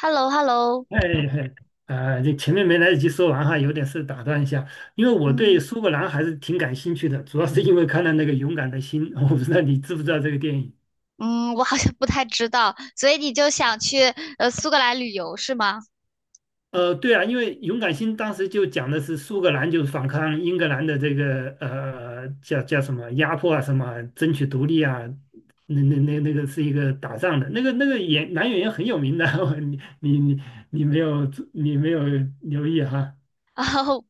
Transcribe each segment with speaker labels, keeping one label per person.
Speaker 1: h e l l o h e l l o
Speaker 2: 哎，哎哎这前面没来得及说完哈，有点事打断一下，因为我对
Speaker 1: 嗯，
Speaker 2: 苏格兰还是挺感兴趣的，主要是因为看了那个《勇敢的心》，我不知道你知不知道这个电影。
Speaker 1: 嗯，我好像不太知道，所以你就想去苏格兰旅游是吗？
Speaker 2: 对啊，因为《勇敢心》当时就讲的是苏格兰就是反抗英格兰的这个叫什么压迫啊，什么争取独立啊，那个是一个打仗的，那个演男演员很有名的，你你你你没有你没有留意哈？
Speaker 1: 然后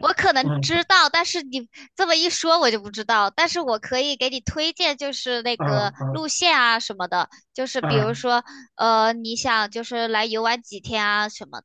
Speaker 1: 我可能知
Speaker 2: 嗯。
Speaker 1: 道，但是你这么一说我就不知道，但是我可以给你推荐，就是那
Speaker 2: 啊
Speaker 1: 个
Speaker 2: 啊
Speaker 1: 路线啊什么的，就是比如
Speaker 2: 啊！
Speaker 1: 说你想就是来游玩几天啊什么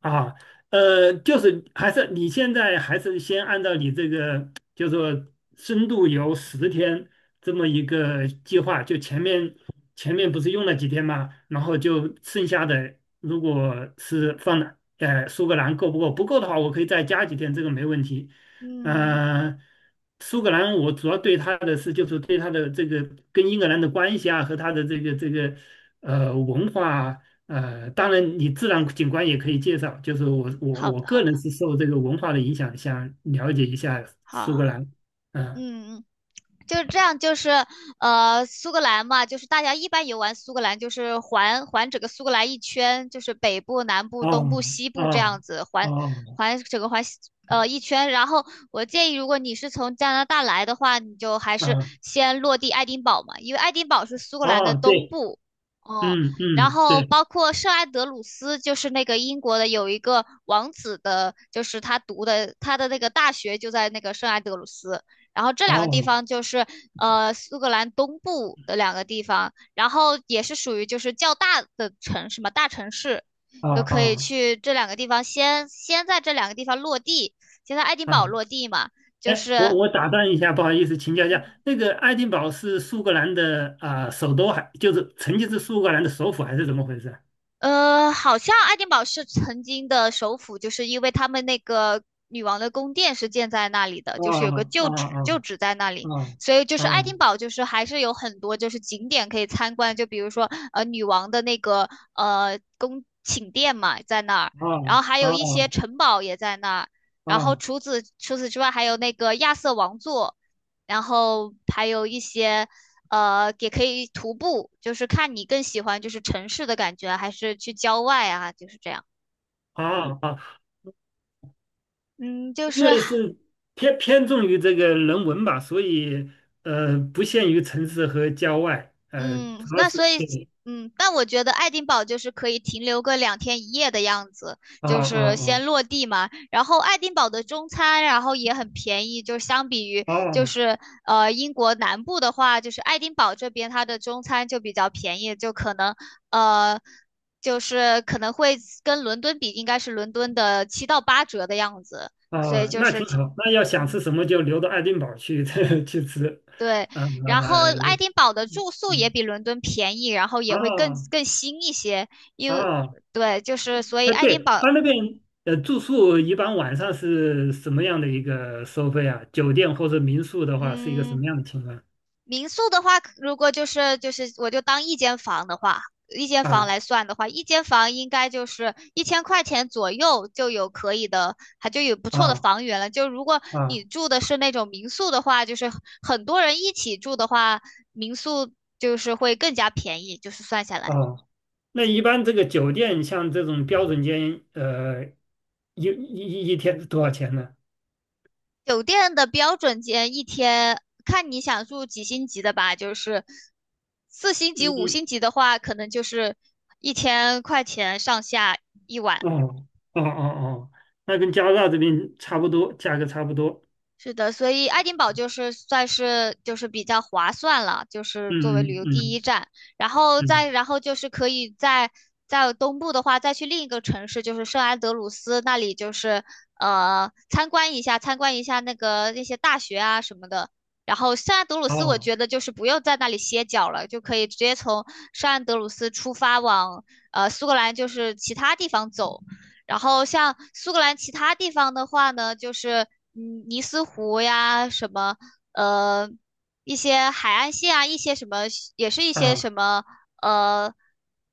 Speaker 2: 啊，就是还是你现在还是先按照你这个，就是说深度游10天这么一个计划，就前面不是用了几天嘛，然后就剩下的如果是放了，苏格兰够不够？不够的话，我可以再加几天，这个没问题。
Speaker 1: 的嗯，
Speaker 2: 呃，苏格兰我主要对它的是，就是对它的这个跟英格兰的关系啊，和它的这个文化啊。当然，你自然景观也可以介绍。就是我我
Speaker 1: 好
Speaker 2: 我
Speaker 1: 的好
Speaker 2: 个人
Speaker 1: 的，
Speaker 2: 是受这个文化的影响，想了解一下
Speaker 1: 好，
Speaker 2: 苏格兰。嗯。
Speaker 1: 嗯嗯。就是这样，就是苏格兰嘛，就是大家一般游玩苏格兰，就是环整个苏格兰一圈，就是北部、南部、东部、
Speaker 2: 哦
Speaker 1: 西部这样
Speaker 2: 哦
Speaker 1: 子环
Speaker 2: 哦。
Speaker 1: 环整个环西一圈。然后我建议，如果你是从加拿大来的话，你就还是
Speaker 2: 嗯。
Speaker 1: 先落地爱丁堡嘛，因为爱丁堡是苏格兰的
Speaker 2: 哦，
Speaker 1: 东
Speaker 2: 对。
Speaker 1: 部。哦、
Speaker 2: 嗯
Speaker 1: 然
Speaker 2: 嗯，
Speaker 1: 后
Speaker 2: 对。
Speaker 1: 包括圣安德鲁斯，就是那个英国的有一个王子的，就是他读的他的那个大学就在那个圣安德鲁斯。然后这两个地
Speaker 2: 哦
Speaker 1: 方就是苏格兰东部的两个地方，然后也是属于就是较大的城市嘛，大城市，就
Speaker 2: 哦
Speaker 1: 可以
Speaker 2: 哦
Speaker 1: 去这两个地方先在这两个地方落地，先在爱丁堡
Speaker 2: 哦。
Speaker 1: 落地嘛，就
Speaker 2: 哎，我
Speaker 1: 是
Speaker 2: 我打断一下，不好意思，请教一下，
Speaker 1: 嗯
Speaker 2: 那个爱丁堡是苏格兰的啊、首都还就是曾经是苏格兰的首府还是怎么回事？
Speaker 1: 好像爱丁堡是曾经的首府，就是因为他们那个女王的宫殿是建在那里的，
Speaker 2: 哦
Speaker 1: 就是有个
Speaker 2: 哦
Speaker 1: 旧址，旧
Speaker 2: 哦
Speaker 1: 址在那里，
Speaker 2: 哦
Speaker 1: 所以就是爱丁
Speaker 2: 哦
Speaker 1: 堡就是还是有很多就是景点可以参观，就比如说女王的那个宫寝殿嘛在那儿，然后
Speaker 2: 哦
Speaker 1: 还
Speaker 2: 哦
Speaker 1: 有一些
Speaker 2: 哦
Speaker 1: 城堡也在那儿，然后
Speaker 2: 哦
Speaker 1: 除此之外还有那个亚瑟王座，然后还有一些。也可以徒步，就是看你更喜欢就是城市的感觉啊还是去郊外啊，就是这样。
Speaker 2: 哦哦哦。
Speaker 1: 嗯，就
Speaker 2: 因
Speaker 1: 是
Speaker 2: 为是偏重于这个人文吧，所以不限于城市和郊外，
Speaker 1: 嗯，
Speaker 2: 主要
Speaker 1: 那所
Speaker 2: 是
Speaker 1: 以，
Speaker 2: 对。
Speaker 1: 嗯，但我觉得爱丁堡就是可以停留个2天一夜的样子，
Speaker 2: 啊
Speaker 1: 就
Speaker 2: 啊
Speaker 1: 是先
Speaker 2: 啊。
Speaker 1: 落地嘛。然后爱丁堡的中餐，然后也很便宜，就相比于就
Speaker 2: 哦
Speaker 1: 是英国南部的话，就是爱丁堡这边它的中餐就比较便宜，就可能呃就是可能会跟伦敦比，应该是伦敦的7到8折的样子，所以
Speaker 2: 哦，
Speaker 1: 就
Speaker 2: 那
Speaker 1: 是
Speaker 2: 挺
Speaker 1: 挺，
Speaker 2: 好。那要想
Speaker 1: 嗯。
Speaker 2: 吃什么就留到爱丁堡去 去吃。
Speaker 1: 对，
Speaker 2: 呃
Speaker 1: 然后爱丁堡的住宿也
Speaker 2: 嗯。
Speaker 1: 比伦敦便宜，然后也会更
Speaker 2: 啊
Speaker 1: 更新一些，因为
Speaker 2: 啊。
Speaker 1: 对，就是所以
Speaker 2: 哎，
Speaker 1: 爱丁
Speaker 2: 对
Speaker 1: 堡，
Speaker 2: 他那边住宿一般晚上是什么样的一个收费啊？酒店或者民宿的话是一个什
Speaker 1: 嗯，
Speaker 2: 么样的情况？
Speaker 1: 民宿的话，如果就是我就当一间房的话，一间房
Speaker 2: 啊
Speaker 1: 来算的话，一间房应该就是一千块钱左右就有可以的，还就有不错的
Speaker 2: 啊
Speaker 1: 房源了。就如果你
Speaker 2: 啊
Speaker 1: 住的是那种民宿的话，就是很多人一起住的话，民宿就是会更加便宜，就是算下来。
Speaker 2: 啊。那一般这个酒店像这种标准间，一天是多少钱呢？
Speaker 1: 酒店的标准间一天，看你想住几星级的吧，就是四星级、五
Speaker 2: 嗯。
Speaker 1: 星级的话，可能就是一千块钱上下一晚。
Speaker 2: 哦哦哦哦，那跟加拿大这边差不多，价格差不多。
Speaker 1: 是的，所以爱丁堡就是算是就是比较划算了，就是作为旅
Speaker 2: 嗯
Speaker 1: 游第一
Speaker 2: 嗯
Speaker 1: 站，然后
Speaker 2: 嗯。
Speaker 1: 再然后就是可以在东部的话，再去另一个城市，就是圣安德鲁斯那里，就是参观一下那个那些大学啊什么的。然后圣安德鲁斯，我
Speaker 2: 哦。
Speaker 1: 觉得就是不用在那里歇脚了，就可以直接从圣安德鲁斯出发往苏格兰，就是其他地方走。然后像苏格兰其他地方的话呢，就是尼斯湖呀，什么呃一些海岸线啊，一些什么也是一些什
Speaker 2: 啊
Speaker 1: 么呃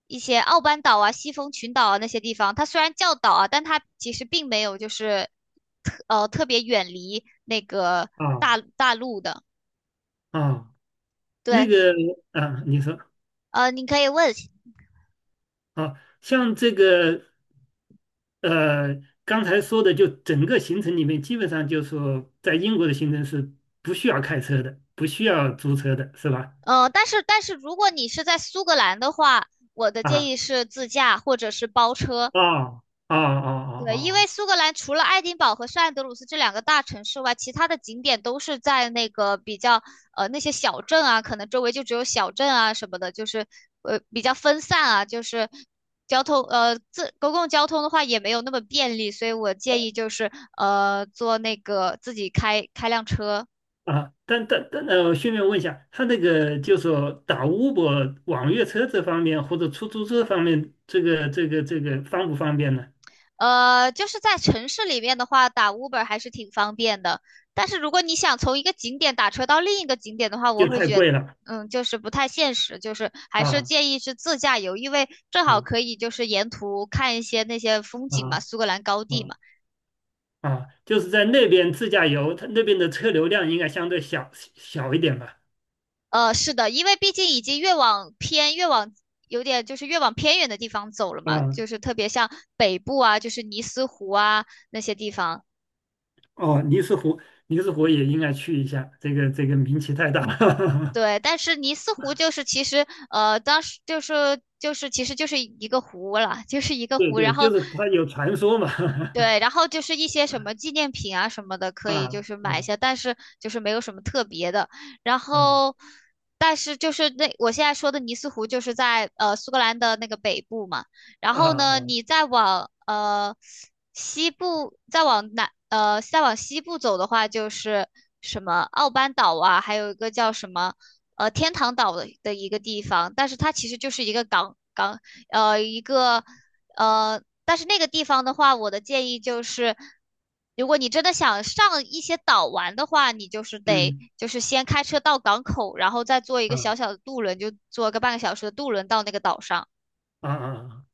Speaker 1: 一些奥班岛啊、西风群岛啊那些地方，它虽然叫岛啊，但它其实并没有就是特别远离那个
Speaker 2: 啊
Speaker 1: 大陆的。
Speaker 2: 啊。那
Speaker 1: 对，
Speaker 2: 个。啊，你说。
Speaker 1: 你可以问，
Speaker 2: 啊，像这个呃，刚才说的，就整个行程里面，基本上就是说，在英国的行程是不需要开车的，不需要租车的，是吧？
Speaker 1: 但是如果你是在苏格兰的话，我的建
Speaker 2: 啊。
Speaker 1: 议是自驾或者是包车，
Speaker 2: 啊啊啊啊
Speaker 1: 对，因为
Speaker 2: 啊
Speaker 1: 苏格兰除了爱丁堡和圣安德鲁斯这两个大城市外，其他的景点都是在那个比较那些小镇啊，可能周围就只有小镇啊什么的，就是比较分散啊，就是交通自公共交通的话也没有那么便利，所以我建议就是坐那个自己开辆车。
Speaker 2: 啊！啊，但顺便问一下，他那个就说打 Uber 网约车这方面或者出租车方面，这个方不方便呢？
Speaker 1: 就是在城市里面的话，打 Uber 还是挺方便的。但是如果你想从一个景点打车到另一个景点的话，我
Speaker 2: 就
Speaker 1: 会
Speaker 2: 太
Speaker 1: 觉得
Speaker 2: 贵了。
Speaker 1: 就是不太现实，就是还是
Speaker 2: 啊
Speaker 1: 建议是自驾游，因为正好可
Speaker 2: 啊
Speaker 1: 以就是沿途看一些那些风景嘛，
Speaker 2: 啊
Speaker 1: 苏格兰高地
Speaker 2: 啊
Speaker 1: 嘛。
Speaker 2: 啊！就是在那边自驾游，他那边的车流量应该相对小一点吧？
Speaker 1: 是的，因为毕竟已经越往偏，越往有点就是越往偏远的地方走了嘛，
Speaker 2: 啊。
Speaker 1: 就是特别像北部啊，就是尼斯湖啊那些地方。
Speaker 2: 哦，尼斯湖也应该去一下，这个名气太大了。
Speaker 1: 对，但是尼斯湖就是其实当时就是其实就是一个湖了，就是一 个
Speaker 2: 对
Speaker 1: 湖，然
Speaker 2: 对，
Speaker 1: 后
Speaker 2: 就是他有传说嘛。
Speaker 1: 对，然后就是一些什么纪念品啊什么的，可
Speaker 2: 啊
Speaker 1: 以就是买一
Speaker 2: 啊
Speaker 1: 下，但是就是没有什么特别的。然
Speaker 2: 啊！
Speaker 1: 后，但是就是那我现在说的尼斯湖，就是在苏格兰的那个北部嘛。然
Speaker 2: 啊
Speaker 1: 后呢，
Speaker 2: 啊。
Speaker 1: 你再往西部，再往再往西部走的话，就是什么奥班岛啊，还有一个叫什么天堂岛的一个地方，但是它其实就是一个港一个。但是那个地方的话，我的建议就是，如果你真的想上一些岛玩的话，你就是得
Speaker 2: 嗯。
Speaker 1: 就是先开车到港口，然后再坐一个
Speaker 2: 啊
Speaker 1: 小小的渡轮，就坐个半个小时的渡轮到那个岛上。
Speaker 2: 啊啊！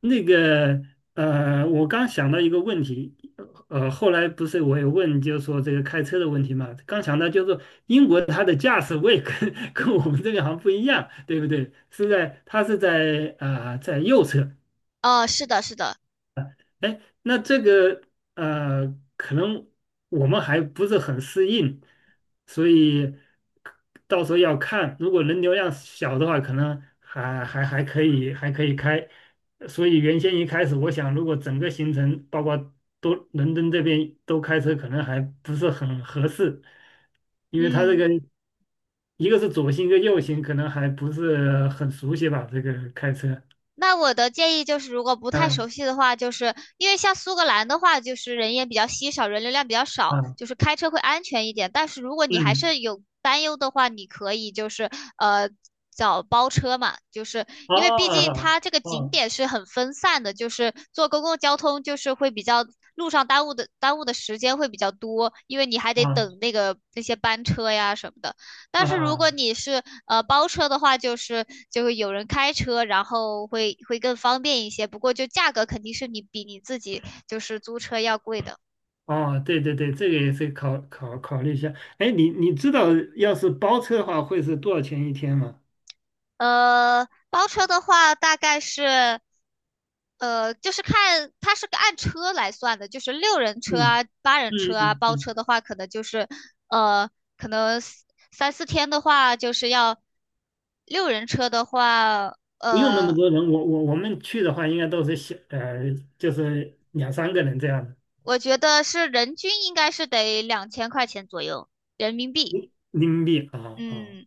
Speaker 2: 那个我刚想到一个问题。后来不是我也问，就是说这个开车的问题嘛，刚想到就是说英国它的驾驶位跟 跟我们这边好像不一样，对不对？是在它是在啊、在右侧。
Speaker 1: 是的，是的，
Speaker 2: 哎，那这个可能我们还不是很适应，所以到时候要看，如果人流量小的话，可能还可以，还可以开。所以原先一开始，我想如果整个行程包括都伦敦这边都开车，可能还不是很合适，因为它这
Speaker 1: 嗯。
Speaker 2: 个一个是左行，一个右行，可能还不是很熟悉吧，这个开车。
Speaker 1: 那我的建议就是，如果不太
Speaker 2: 嗯。
Speaker 1: 熟悉的话，就是因为像苏格兰的话，就是人烟比较稀少，人流量比较少，
Speaker 2: 啊，
Speaker 1: 就是开车会安全一点。但是如果你还
Speaker 2: 嗯。
Speaker 1: 是有担忧的话，你可以就是呃找包车嘛，就是因为毕竟
Speaker 2: 哦
Speaker 1: 它这个景
Speaker 2: 哦。
Speaker 1: 点是很分散的，就是坐公共交通就是会比较路上耽误的时间会比较多，因为你还得
Speaker 2: 啊
Speaker 1: 等那个那些班车呀什么的。但
Speaker 2: 啊
Speaker 1: 是如果
Speaker 2: 啊！
Speaker 1: 你是包车的话，就是就会有人开车，然后会更方便一些。不过就价格肯定是你比你自己就是租车要贵的。
Speaker 2: 哦，对对对，这个也是考虑一下。哎，你知道要是包车的话会是多少钱一天吗？
Speaker 1: 包车的话大概是，就是看它是个按车来算的，就是六人车
Speaker 2: 嗯
Speaker 1: 啊、八人
Speaker 2: 嗯
Speaker 1: 车啊，
Speaker 2: 嗯
Speaker 1: 包
Speaker 2: 嗯，
Speaker 1: 车的话可能就是呃，可能三4天的话就是要六人车的话，
Speaker 2: 不用那么
Speaker 1: 呃，
Speaker 2: 多人，我们去的话应该都是就是两三个人这样的。
Speaker 1: 我觉得是人均应该是得2000块钱左右人民币。
Speaker 2: 民币啊啊。
Speaker 1: 嗯，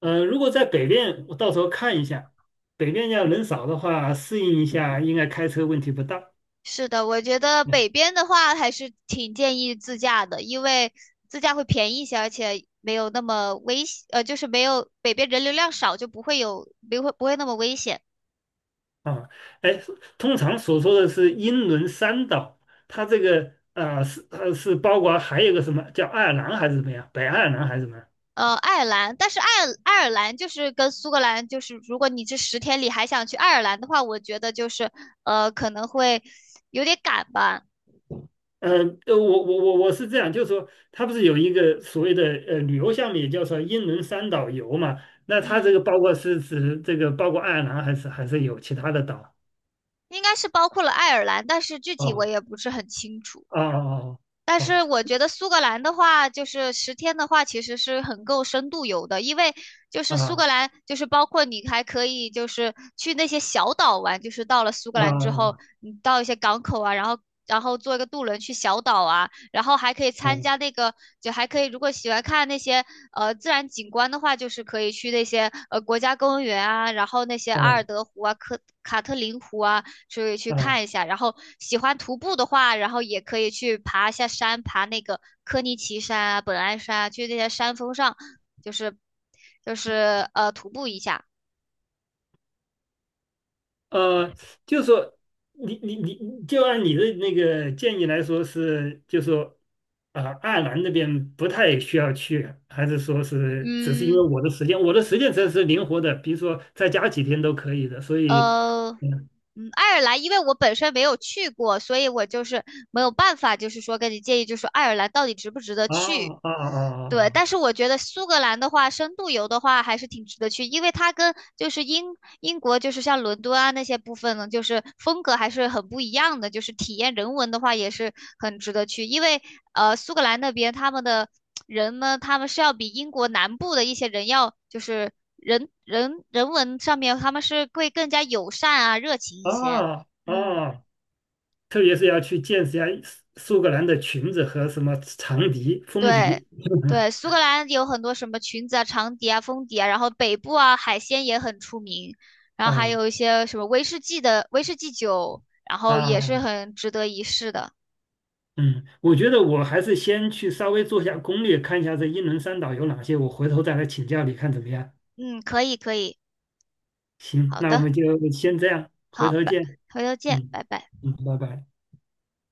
Speaker 2: 如果在北边，我到时候看一下，北边要人少的话适应一下，应该开车问题不大。
Speaker 1: 是的，我觉得
Speaker 2: 嗯。
Speaker 1: 北边的话还是挺建议自驾的，因为自驾会便宜一些，而且没有那么危险，就是没有北边人流量少，就不会有，不会那么危险。
Speaker 2: 啊，哎，通常所说的是英伦三岛，它这个啊是是包括还有一个什么叫爱尔兰还是怎么样，北爱尔兰还是什么？
Speaker 1: 爱尔兰，但是爱尔兰就是跟苏格兰，就是如果你这十天里还想去爱尔兰的话，我觉得就是可能会有点赶吧。
Speaker 2: 呃，我是这样，就是说它不是有一个所谓的旅游项目，也叫做英伦三岛游嘛？那它这个
Speaker 1: 嗯。
Speaker 2: 包括是指这个包括爱尔兰还是有其他的岛？
Speaker 1: 应该是包括了爱尔兰，但是具体我
Speaker 2: 哦
Speaker 1: 也不是很清楚。
Speaker 2: 哦哦
Speaker 1: 但
Speaker 2: 哦
Speaker 1: 是我觉得苏格兰的话，就是十天的话，其实是很够深度游的，因为就
Speaker 2: 哦。
Speaker 1: 是苏
Speaker 2: 啊
Speaker 1: 格兰，就是包括你还可以就是去那些小岛玩，就是到了苏格
Speaker 2: 啊啊
Speaker 1: 兰之后，
Speaker 2: 啊！
Speaker 1: 你到一些港口啊，然后坐一个渡轮去小岛啊，然后还可以
Speaker 2: 哦
Speaker 1: 参加那个，就还可以如果喜欢看那些自然景观的话，就是可以去那些国家公园啊，然后那些阿
Speaker 2: 哦。
Speaker 1: 尔德湖啊、科卡特林湖啊，所以去
Speaker 2: 啊。
Speaker 1: 看一下。然后喜欢徒步的话，然后也可以去爬一下山，爬那个科尼奇山啊、本莱山啊，去那些山峰上，就是徒步一下。
Speaker 2: 呃，就说你，就按你的那个建议来说是，就说啊、爱尔兰那边不太需要去，还是说是只是因为
Speaker 1: 嗯，
Speaker 2: 我的时间，我的时间真是灵活的，比如说再加几天都可以的，所以
Speaker 1: 呃，
Speaker 2: 嗯。
Speaker 1: 嗯，爱尔兰，因为我本身没有去过，所以我就是没有办法，就是说跟你建议，就是说爱尔兰到底值不值得
Speaker 2: 啊
Speaker 1: 去？
Speaker 2: 啊
Speaker 1: 对，但是
Speaker 2: 啊
Speaker 1: 我觉得苏格兰的话，深度游的话还是挺值得去，因为它跟就是英国就是像伦敦啊那些部分呢，就是风格还是很不一样的，就是体验人文的话也是很值得去，因为苏格兰那边他们的。人呢，他们是要比英国南部的一些人要，就是人文上面，他们是会更加友善啊、热情一些。
Speaker 2: 啊啊
Speaker 1: 嗯，
Speaker 2: 啊，特别是要去见识一下苏格兰的裙子和什么长笛、风
Speaker 1: 对
Speaker 2: 笛。
Speaker 1: 对，苏格兰有很多什么裙子啊、长笛啊、风笛啊，然后北部啊海鲜也很出名，然后还有一
Speaker 2: 啊
Speaker 1: 些什么威士忌酒，然后也
Speaker 2: 啊。
Speaker 1: 是很值得一试的。
Speaker 2: 嗯，我觉得我还是先去稍微做一下攻略，看一下这英伦三岛有哪些，我回头再来请教你看怎么样。
Speaker 1: 嗯，可以可以，
Speaker 2: 行，
Speaker 1: 好
Speaker 2: 那我
Speaker 1: 的，
Speaker 2: 们就先这样，回
Speaker 1: 好，
Speaker 2: 头
Speaker 1: 拜，
Speaker 2: 见。
Speaker 1: 回头见，
Speaker 2: 嗯
Speaker 1: 拜拜。
Speaker 2: 嗯，拜拜。